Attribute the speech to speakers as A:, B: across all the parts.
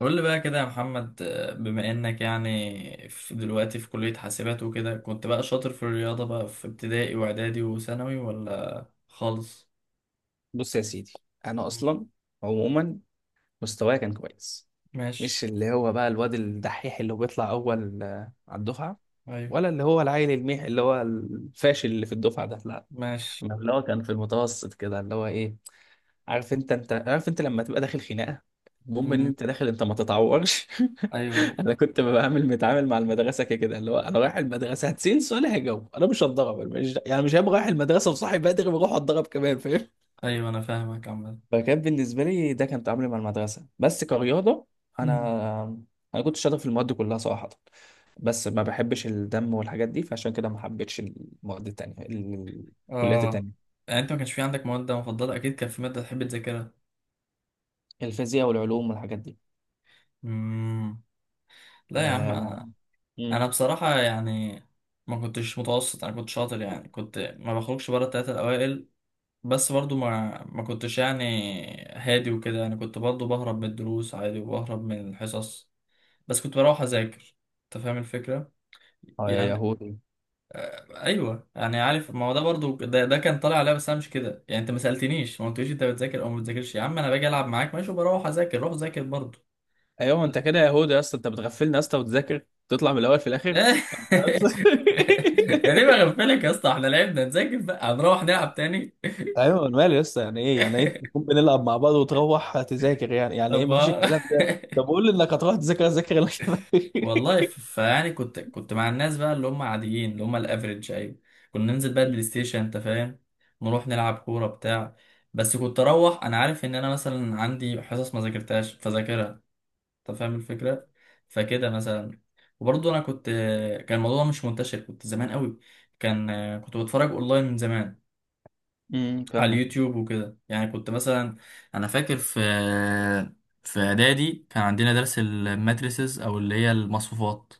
A: قول لي بقى كده يا محمد، بما انك يعني في دلوقتي في كلية حاسبات وكده، كنت بقى شاطر في الرياضة بقى في ابتدائي واعدادي وثانوي ولا خالص؟
B: بص يا سيدي، انا
A: مم.
B: اصلا، عموما مستواي كان كويس.
A: ماشي.
B: مش اللي هو بقى الواد الدحيح اللي هو بيطلع اول على الدفعه،
A: ايوه.
B: ولا اللي هو العيل الميح اللي هو الفاشل اللي في الدفعه، ده لا.
A: ماشي.
B: أنا اللي هو كان في المتوسط كده اللي هو ايه. عارف انت عارف انت لما تبقى داخل خناقه، المهم ان
A: مم.
B: انت داخل انت ما تتعورش.
A: ايوه،
B: انا كنت بعمل متعامل مع المدرسه كده، اللي هو انا رايح المدرسه هتسال سؤال هجاوب انا مش هتضرب. أنا مش يعني مش هبقى رايح المدرسه وصاحي بدري واروح اتضرب كمان، فاهم.
A: ايوه، انا فاهمك عامة.
B: فكان بالنسبة لي ده كان تعاملي مع المدرسة بس كرياضة.
A: مم.
B: أنا أنا كنت شاطر في المواد كلها صراحة. بس ما بحبش الدم والحاجات دي، فعشان كده ما حبيتش المواد التانية، الكليات
A: اه،
B: التانية.
A: يعني انت ما كانش في عندك مواد مفضلة؟ اكيد كان في مادة تحب تذاكرها.
B: الفيزياء والعلوم والحاجات دي.
A: مم. لا يا عم،
B: آه ما-
A: انا
B: مم.
A: بصراحة يعني ما كنتش متوسط، انا كنت شاطر يعني، كنت ما بخرجش بره التلاتة الاوائل. بس برضو ما كنتش يعني هادي وكده يعني، كنت برضو بهرب من الدروس عادي وبهرب من الحصص، بس كنت بروح اذاكر. انت فاهم الفكره
B: يا
A: يعني؟
B: يهودي.
A: ايوه يعني، عارف، ما هو ده برضو ده كان طالع عليا، بس انا مش كده يعني. انت ما سالتنيش ما قلتليش انت بتذاكر او ما بتذاكرش، يا عم انا باجي العب معاك ماشي وبروح اذاكر، روح ذاكر برضو.
B: ايوه انت كده يا يهودي يا اسطى، انت بتغفلنا يا اسطى وتذاكر تطلع من الاول في الاخر بس.
A: انا ليه بغفلك يا اسطى؟ احنا لعبنا، نذاكر بقى هنروح نلعب تاني.
B: ايوه، أنا مالي لسه. يعني ايه يعني ايه تكون بنلعب مع بعض وتروح تذاكر؟ يعني ايه
A: طب
B: مفيش
A: ما
B: الكلام ده. طب قول لي انك هتروح تذاكر اذاكر لك.
A: والله فيعني كنت مع الناس بقى اللي هم عاديين اللي هم الافريج، ايوه، كنا ننزل بقى البلاي ستيشن انت فاهم، نروح نلعب كوره بتاع، بس كنت اروح، انا عارف ان انا مثلا عندي حصص ما ذاكرتهاش فذاكرها. انت فاهم الفكره؟ فكده مثلا. وبرضه انا كنت، كان الموضوع مش منتشر، كنت زمان قوي، كان كنت بتفرج اونلاين من زمان على
B: فاهمك.
A: اليوتيوب وكده يعني. كنت مثلا، انا فاكر في اعدادي كان عندنا درس الماتريسز او اللي هي المصفوفات،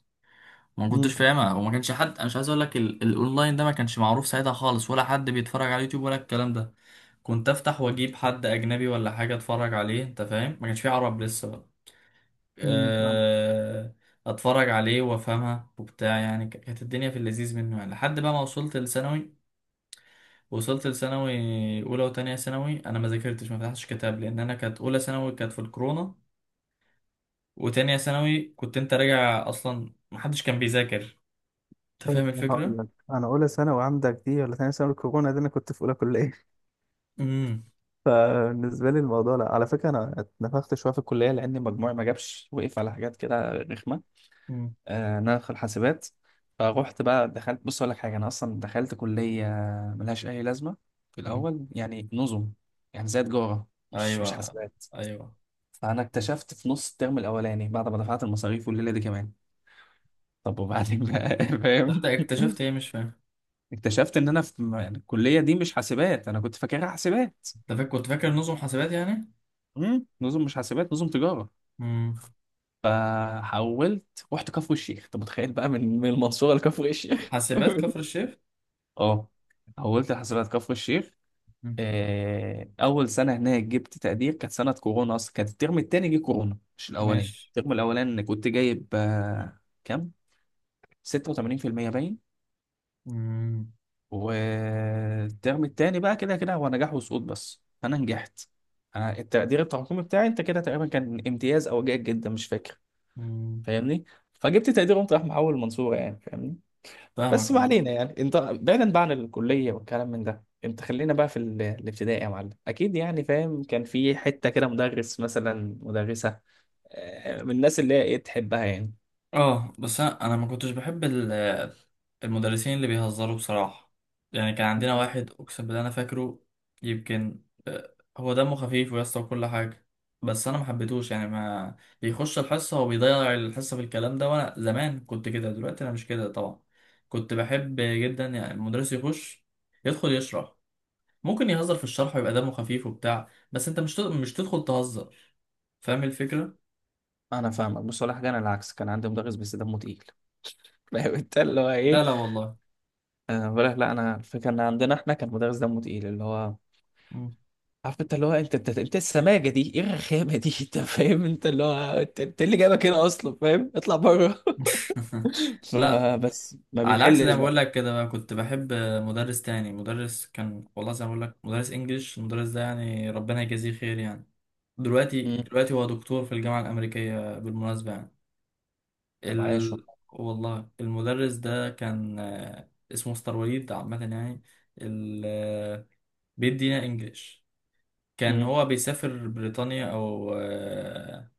A: ما كنتش
B: امم
A: فاهمها وما كانش حد، انا مش عايز اقول لك، الاونلاين ده ما كانش معروف ساعتها خالص ولا حد بيتفرج على اليوتيوب ولا الكلام ده. كنت افتح واجيب حد اجنبي ولا حاجه اتفرج عليه، انت فاهم، ما كانش في عرب لسه بقى.
B: فاهم.
A: أه... اتفرج عليه وافهمها وبتاع يعني، كانت الدنيا في اللذيذ منه يعني، لحد بقى ما وصلت لثانوي. وصلت لثانوي، اولى وتانية ثانوي انا ما ذاكرتش، ما فتحتش كتاب، لان انا كانت اولى ثانوي كانت في الكورونا، وتانية ثانوي كنت انت راجع اصلا، ما حدش كان بيذاكر. انت فاهم
B: أنا هقول
A: الفكره؟
B: لك، انا اولى ثانوي عندك دي ولا ثاني ثانوي الكورونا دي انا كنت في اولى كليه. فبالنسبه لي الموضوع، لا على فكره انا اتنفخت شويه في الكليه لان مجموعي ما جابش وقف على حاجات كده رخمه.
A: امم.
B: انا في الحاسبات. فروحت بقى دخلت، بص اقول لك حاجه، انا اصلا دخلت كليه ملهاش اي لازمه في
A: مم.
B: الاول، يعني نظم، يعني زي تجاره مش
A: ايوه،
B: حاسبات.
A: ايوه.
B: فانا اكتشفت في نص الترم الاولاني بعد ما دفعت المصاريف والليله دي كمان، طب وبعدين بقى؟ فاهم.
A: تصدق اكتشفت ايه مش فاهم.
B: اكتشفت ان انا في، يعني الكليه دي مش حاسبات، انا كنت فاكرها حاسبات.
A: انت فاكر، كنت فاكر نظم حاسبات يعني.
B: نظم مش حاسبات، نظم تجاره.
A: مم.
B: فحولت رحت كفر الشيخ، طب متخيل بقى من المنصوره لكفر الشيخ؟
A: حاسبات كفر الشيخ.
B: اه، حولت حاسبات كفر الشيخ.
A: مم.
B: اول سنه هناك جبت تقدير، كانت سنه كورونا، اصلا كانت الترم التاني جه كورونا مش الاولاني.
A: ماشي.
B: الترم الاولاني كنت جايب كام؟ 86% باين.
A: مم.
B: والترم التاني بقى كده كده هو نجاح وسقوط، بس انا نجحت. أنا التقدير التراكمي بتاعي انت كده تقريبا كان امتياز او جيد جدا، مش فاكر،
A: مم.
B: فاهمني. فجبت تقدير قمت راح محول المنصوره، يعني فاهمني. بس
A: فاهمك
B: ما
A: اه.
B: علينا، يعني انت بعيدا بقى عن الكليه والكلام من ده، انت خلينا بقى في الابتدائي يا معلم. اكيد يعني فاهم كان في حته كده مدرس مثلا مدرسه من الناس اللي هي ايه تحبها يعني.
A: اه، بس انا ما كنتش بحب المدرسين اللي بيهزروا بصراحة. يعني كان عندنا واحد، اقسم بالله انا فاكره، يمكن، هو دمه خفيف ويسطا وكل حاجة، بس انا ما حبيتهوش يعني، ما بيخش الحصة وبيضيع الحصة في الكلام ده. وانا زمان كنت كده، دلوقتي انا مش كده طبعا. كنت بحب جدا يعني المدرس يخش يدخل يشرح، ممكن يهزر في الشرح ويبقى دمه خفيف وبتاع، بس انت مش تدخل تهزر. فاهم الفكرة؟
B: انا فاهمك بصراحه، انا العكس، كان عندي مدرس بس دمه تقيل. فاهم انت اللي هو ايه.
A: لا، لا، والله.
B: آه بقول لك، لا انا الفكره ان عندنا احنا كان مدرس دمه تقيل، اللي هو، عارف انت اللي هو، انت السماجه دي، ايه الرخامه دي؟ انت فاهم، انت اللي هو انت إيه اللي جايبك هنا اصلا؟ فاهم، اطلع بره.
A: لا،
B: فبس ما
A: على عكس، زي
B: بيحلش
A: ما بقول لك كده بقى كنت بحب مدرس تاني، مدرس كان والله، زي ما بقول لك، مدرس انجليش، المدرس ده يعني ربنا يجازيه خير يعني، دلوقتي
B: بقى.
A: دلوقتي هو دكتور في الجامعة الأمريكية بالمناسبة يعني.
B: طب عايش
A: ال...
B: والله.
A: والله المدرس ده كان، اسمه مستر وليد عامة يعني، ال... آه، بيدينا انجليش، كان
B: امم
A: هو بيسافر بريطانيا أو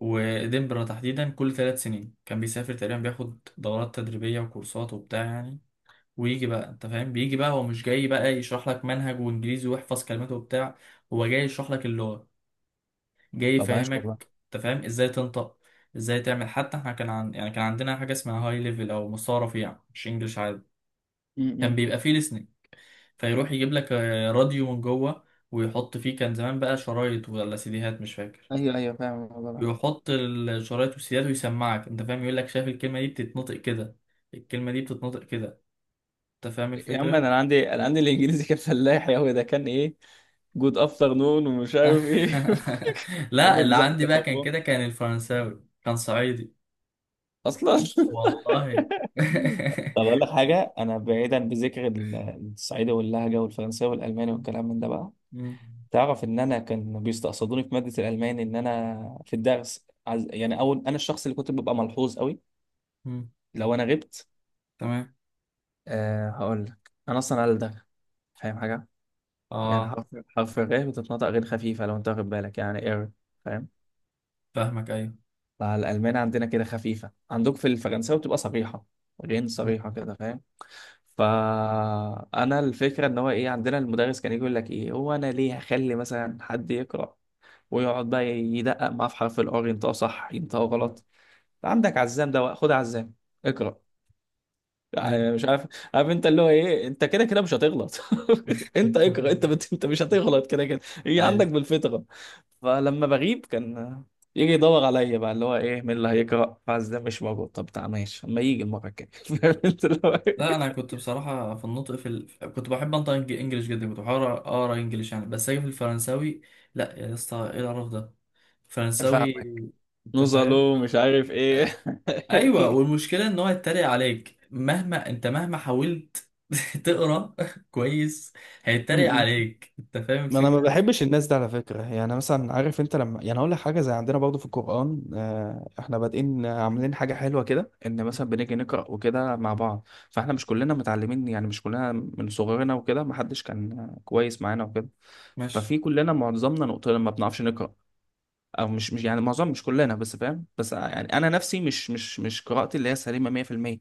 A: ودنبرة تحديدا، كل 3 سنين كان بيسافر تقريبا، بياخد دورات تدريبية وكورسات وبتاع يعني. ويجي بقى انت فاهم، بيجي بقى هو مش جاي بقى يشرح لك منهج وانجليزي ويحفظ كلماته وبتاع، هو جاي يشرح لك اللغة، جاي
B: طب عايش
A: يفهمك
B: والله.
A: انت فاهم ازاي تنطق ازاي تعمل. حتى احنا كان يعني كان عندنا حاجة اسمها هاي ليفل او مستوى رفيع، مش انجلش عادي، كان
B: امم
A: بيبقى فيه listening، فيروح يجيب لك راديو من جوه، ويحط فيه، كان زمان بقى شرايط ولا سيديهات مش فاكر،
B: ايوه ايوه فاهم الموضوع ده.
A: يحط الشرايط والسيدات ويسمعك، انت فاهم، يقول لك شايف الكلمة دي بتتنطق كده، الكلمة دي بتتنطق كده. انت فاهم
B: يا عم،
A: الفكرة؟
B: انا عندي الانجليزي كان فلاح، يا هو ده كان ايه، جود افتر نون ومش عارف ايه. يا عم،
A: لا، اللي
B: انجليزي عندي
A: عندي
B: كان
A: بقى كان
B: خربان
A: كده، كان الفرنساوي كان صعيدي.
B: اصلا.
A: والله.
B: طب اقول لك حاجه، انا بعيدا بذكر الصعيدي واللهجه والفرنساوي والالماني والكلام من ده بقى.
A: م-.
B: تعرف ان انا كان بيستقصدوني في ماده الالماني، ان انا في الدرس يعني اول، انا الشخص اللي كنت ببقى ملحوظ قوي
A: م-.
B: لو انا غبت.
A: تمام.
B: أه هقول لك، انا اصلا قال ده، فاهم حاجه، يعني
A: اه
B: حرف الراء بتتنطق غير خفيفة لو انت واخد بالك، يعني اير، فاهم.
A: فاهمك، ايوه.
B: فالألمان عندنا كده خفيفة، عندك في الفرنساوي بتبقى صريحة، غين
A: م-.
B: صريحة كده، فاهم. فأنا الفكرة إن هو إيه، عندنا المدرس كان يجي يقول لك إيه، هو أنا ليه هخلي مثلا حد يقرأ ويقعد بقى يدقق معاه في حرف الآر ينطقه صح ينطقه
A: م-.
B: غلط. عندك عزام، ده خد عزام اقرأ،
A: ايوه.
B: يعني مش عارف. عارف انت اللي هو ايه، انت كده كده مش هتغلط. انت اقرا، انت مش هتغلط كده كده، هي
A: ايوه،
B: عندك بالفطره. فلما بغيب كان يجي يدور عليا بقى اللي هو ايه مين اللي هيقرا، فاز ده مش موجود، طب تعال ماشي، اما يجي المره الجايه. فاهم انت اللي هو إيه؟
A: لا، انا كنت بصراحه في النطق، كنت بحب انطق انجليش جدا، كنت بحاول اقرا انجليش يعني، بس اجي في الفرنساوي، لا يا اسطى، ايه القرف ده، فرنساوي،
B: فاهمك،
A: انت فاهم؟
B: نوصله مش عارف ايه.
A: ايوه، والمشكله ان هو يتريق عليك مهما مهما حاولت تقرا، كويس،
B: م-
A: هيتريق
B: م.
A: عليك، انت فاهم
B: ما انا ما
A: الفكره.
B: بحبش الناس دي على فكره. يعني مثلا عارف انت لما، يعني اقول لك حاجه زي، عندنا برضو في القران، احنا بادئين عاملين حاجه حلوه كده، ان مثلا بنيجي نقرا وكده مع بعض. فاحنا مش كلنا متعلمين، يعني مش كلنا من صغرنا وكده ما حدش كان كويس معانا وكده.
A: ماشي.
B: ففي كلنا معظمنا نقطه لما بنعرفش نقرا، او مش يعني معظم مش كلنا بس فاهم، بس يعني انا نفسي مش قراءتي اللي هي سليمه 100%.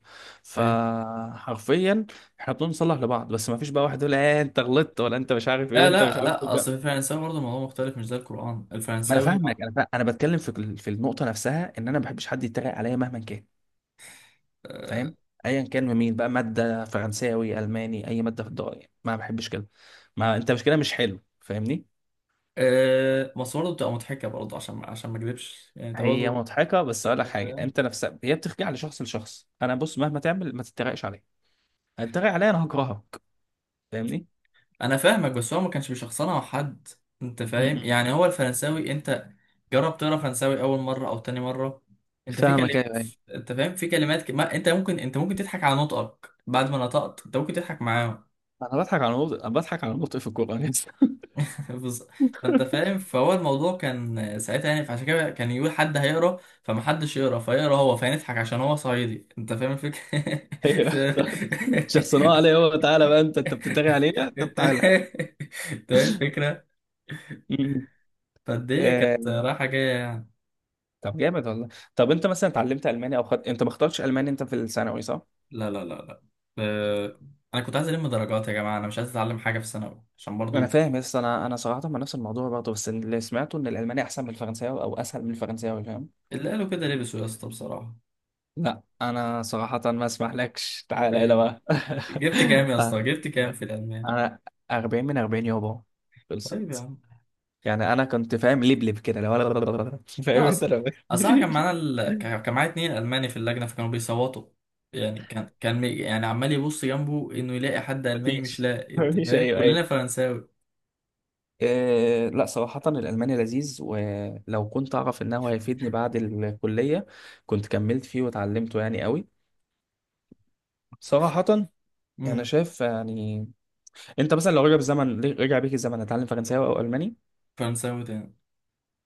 A: طيب.
B: فحرفيا احنا بنصلح لبعض، بس ما فيش بقى واحد يقول ايه، انت غلطت، ولا انت مش عارف ايه،
A: لا،
B: وانت مش
A: لا،
B: عارف
A: لا،
B: ايه.
A: اصل في الفرنساوي برضه الموضوع مختلف، مش زي القران،
B: ما انا
A: الفرنساوي،
B: فاهمك، انا فاهم. انا بتكلم في في النقطه نفسها، ان انا ما بحبش حد يتريق عليا مهما كان، فاهم. ايا كان من مين بقى، ماده فرنساوي، الماني، اي ماده في الدنيا ما بحبش كده. ما انت مش كده مش حلو، فاهمني.
A: بس برضه بتبقى مضحكه برضه، عشان ما اكذبش يعني، انت
B: هي
A: برضه،
B: مضحكه بس اقول
A: انت
B: لك حاجه،
A: فاهم.
B: انت نفسها هي بترجع لشخص لشخص. انا بص، مهما تعمل ما تتريقش عليا، هتتريق عليا انا هكرهك، فاهمني.
A: انا فاهمك، بس هو ما كانش بيشخصنها مع حد، انت فاهم
B: م-م.
A: يعني، هو الفرنساوي انت جرب تقرا فرنساوي اول مره او تاني مره، انت في
B: فاهمك، ايوه
A: كلمات،
B: ايوه.
A: انت فاهم في كلمات ما انت ممكن، انت ممكن تضحك على نطقك، بعد ما نطقت انت ممكن تضحك معاهم.
B: انا بضحك على نقطة في الكوره بس.
A: بص- فانت فاهم، فهو الموضوع كان ساعتها يعني، فعشان كده كان يقول حد هيقرا، فما حدش يقرا، فيقرا هو، فنضحك عشان هو صعيدي، انت فاهم الفكره.
B: أيوة.
A: انت
B: شخصناه عليه، هو تعالى بقى، انت بتتريق علينا، طب
A: انت
B: تعالى.
A: فاهم الفكره.
B: م-م.
A: فالدنيا كانت رايحه جايه يعني.
B: طب جامد والله. طب انت مثلا اتعلمت الماني، انت ما اخترتش الماني انت في الثانوي، صح؟
A: لا، لا، لا، لا، آه، انا كنت عايز الم درجات يا جماعه، انا مش عايز اتعلم حاجه في ثانوي، عشان
B: انا
A: برضو
B: فاهم، بس انا صراحه مع نفس الموضوع برضه. بس اللي سمعته ان الالماني احسن من الفرنساوي او اسهل من الفرنساوي، فاهم؟
A: اللي قالوا كده لبسوا يا اسطى بصراحه.
B: لا انا صراحه ما اسمحلكش، تعالى الى
A: ايوه.
B: بقى.
A: جبت كام يا اسطى؟
B: آه،
A: جبت كام في الالمان؟
B: انا 40 من 40 يابا،
A: طيب يا
B: خلصت.
A: عم.
B: يعني انا كنت فاهم لبلب كده لو. فاهم
A: لا،
B: انت
A: اصل
B: لو.
A: اصل انا كان معانا كان معايا 2 الماني في اللجنه، فكانوا بيصوتوا يعني. كان يعني عمال يبص جنبه انه يلاقي حد الماني مش
B: مفيش.
A: لاقي، انت
B: مفيش،
A: فاهم،
B: ايوه ايوه.
A: كلنا فرنساوي.
B: إيه، لا صراحة الألماني لذيذ، ولو كنت أعرف إنه هيفيدني بعد الكلية كنت كملت فيه وتعلمته يعني، قوي صراحة. أنا
A: امم.
B: شايف يعني، أنت مثلا لو رجع بيك الزمن هتتعلم فرنساوي أو ألماني؟
A: فرنساوي تاني.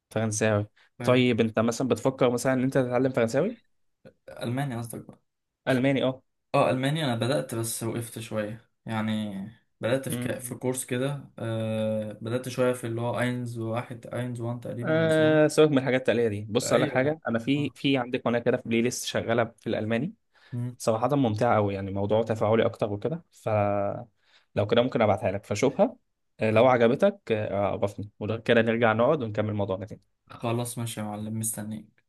B: فرنساوي،
A: طيب.
B: طيب. أنت مثلا بتفكر مثلا إن أنت تتعلم فرنساوي؟
A: الماني قصدك.
B: ألماني أه.
A: اه، المانيا انا بدات بس وقفت شويه يعني. بدات في في
B: أمم.
A: كورس كده، بدات شويه في اللي هو اينز واحد اينز وان تقريبا ولا اسمه
B: سيبك من الحاجات التقليدية دي.
A: إيه؟
B: بص أقول لك
A: ايوه.
B: حاجة، أنا في
A: آه.
B: في عندي قناة كده، في بلاي ليست شغالة في الألماني
A: مم.
B: صراحة، ممتعة أوي يعني، موضوع تفاعلي أكتر وكده. فلو كده ممكن أبعتها لك فشوفها، لو
A: خ-
B: عجبتك، عرفني، وده كده نرجع نقعد ونكمل موضوعنا تاني.
A: خلاص ماشي يا معلم، مستنيك.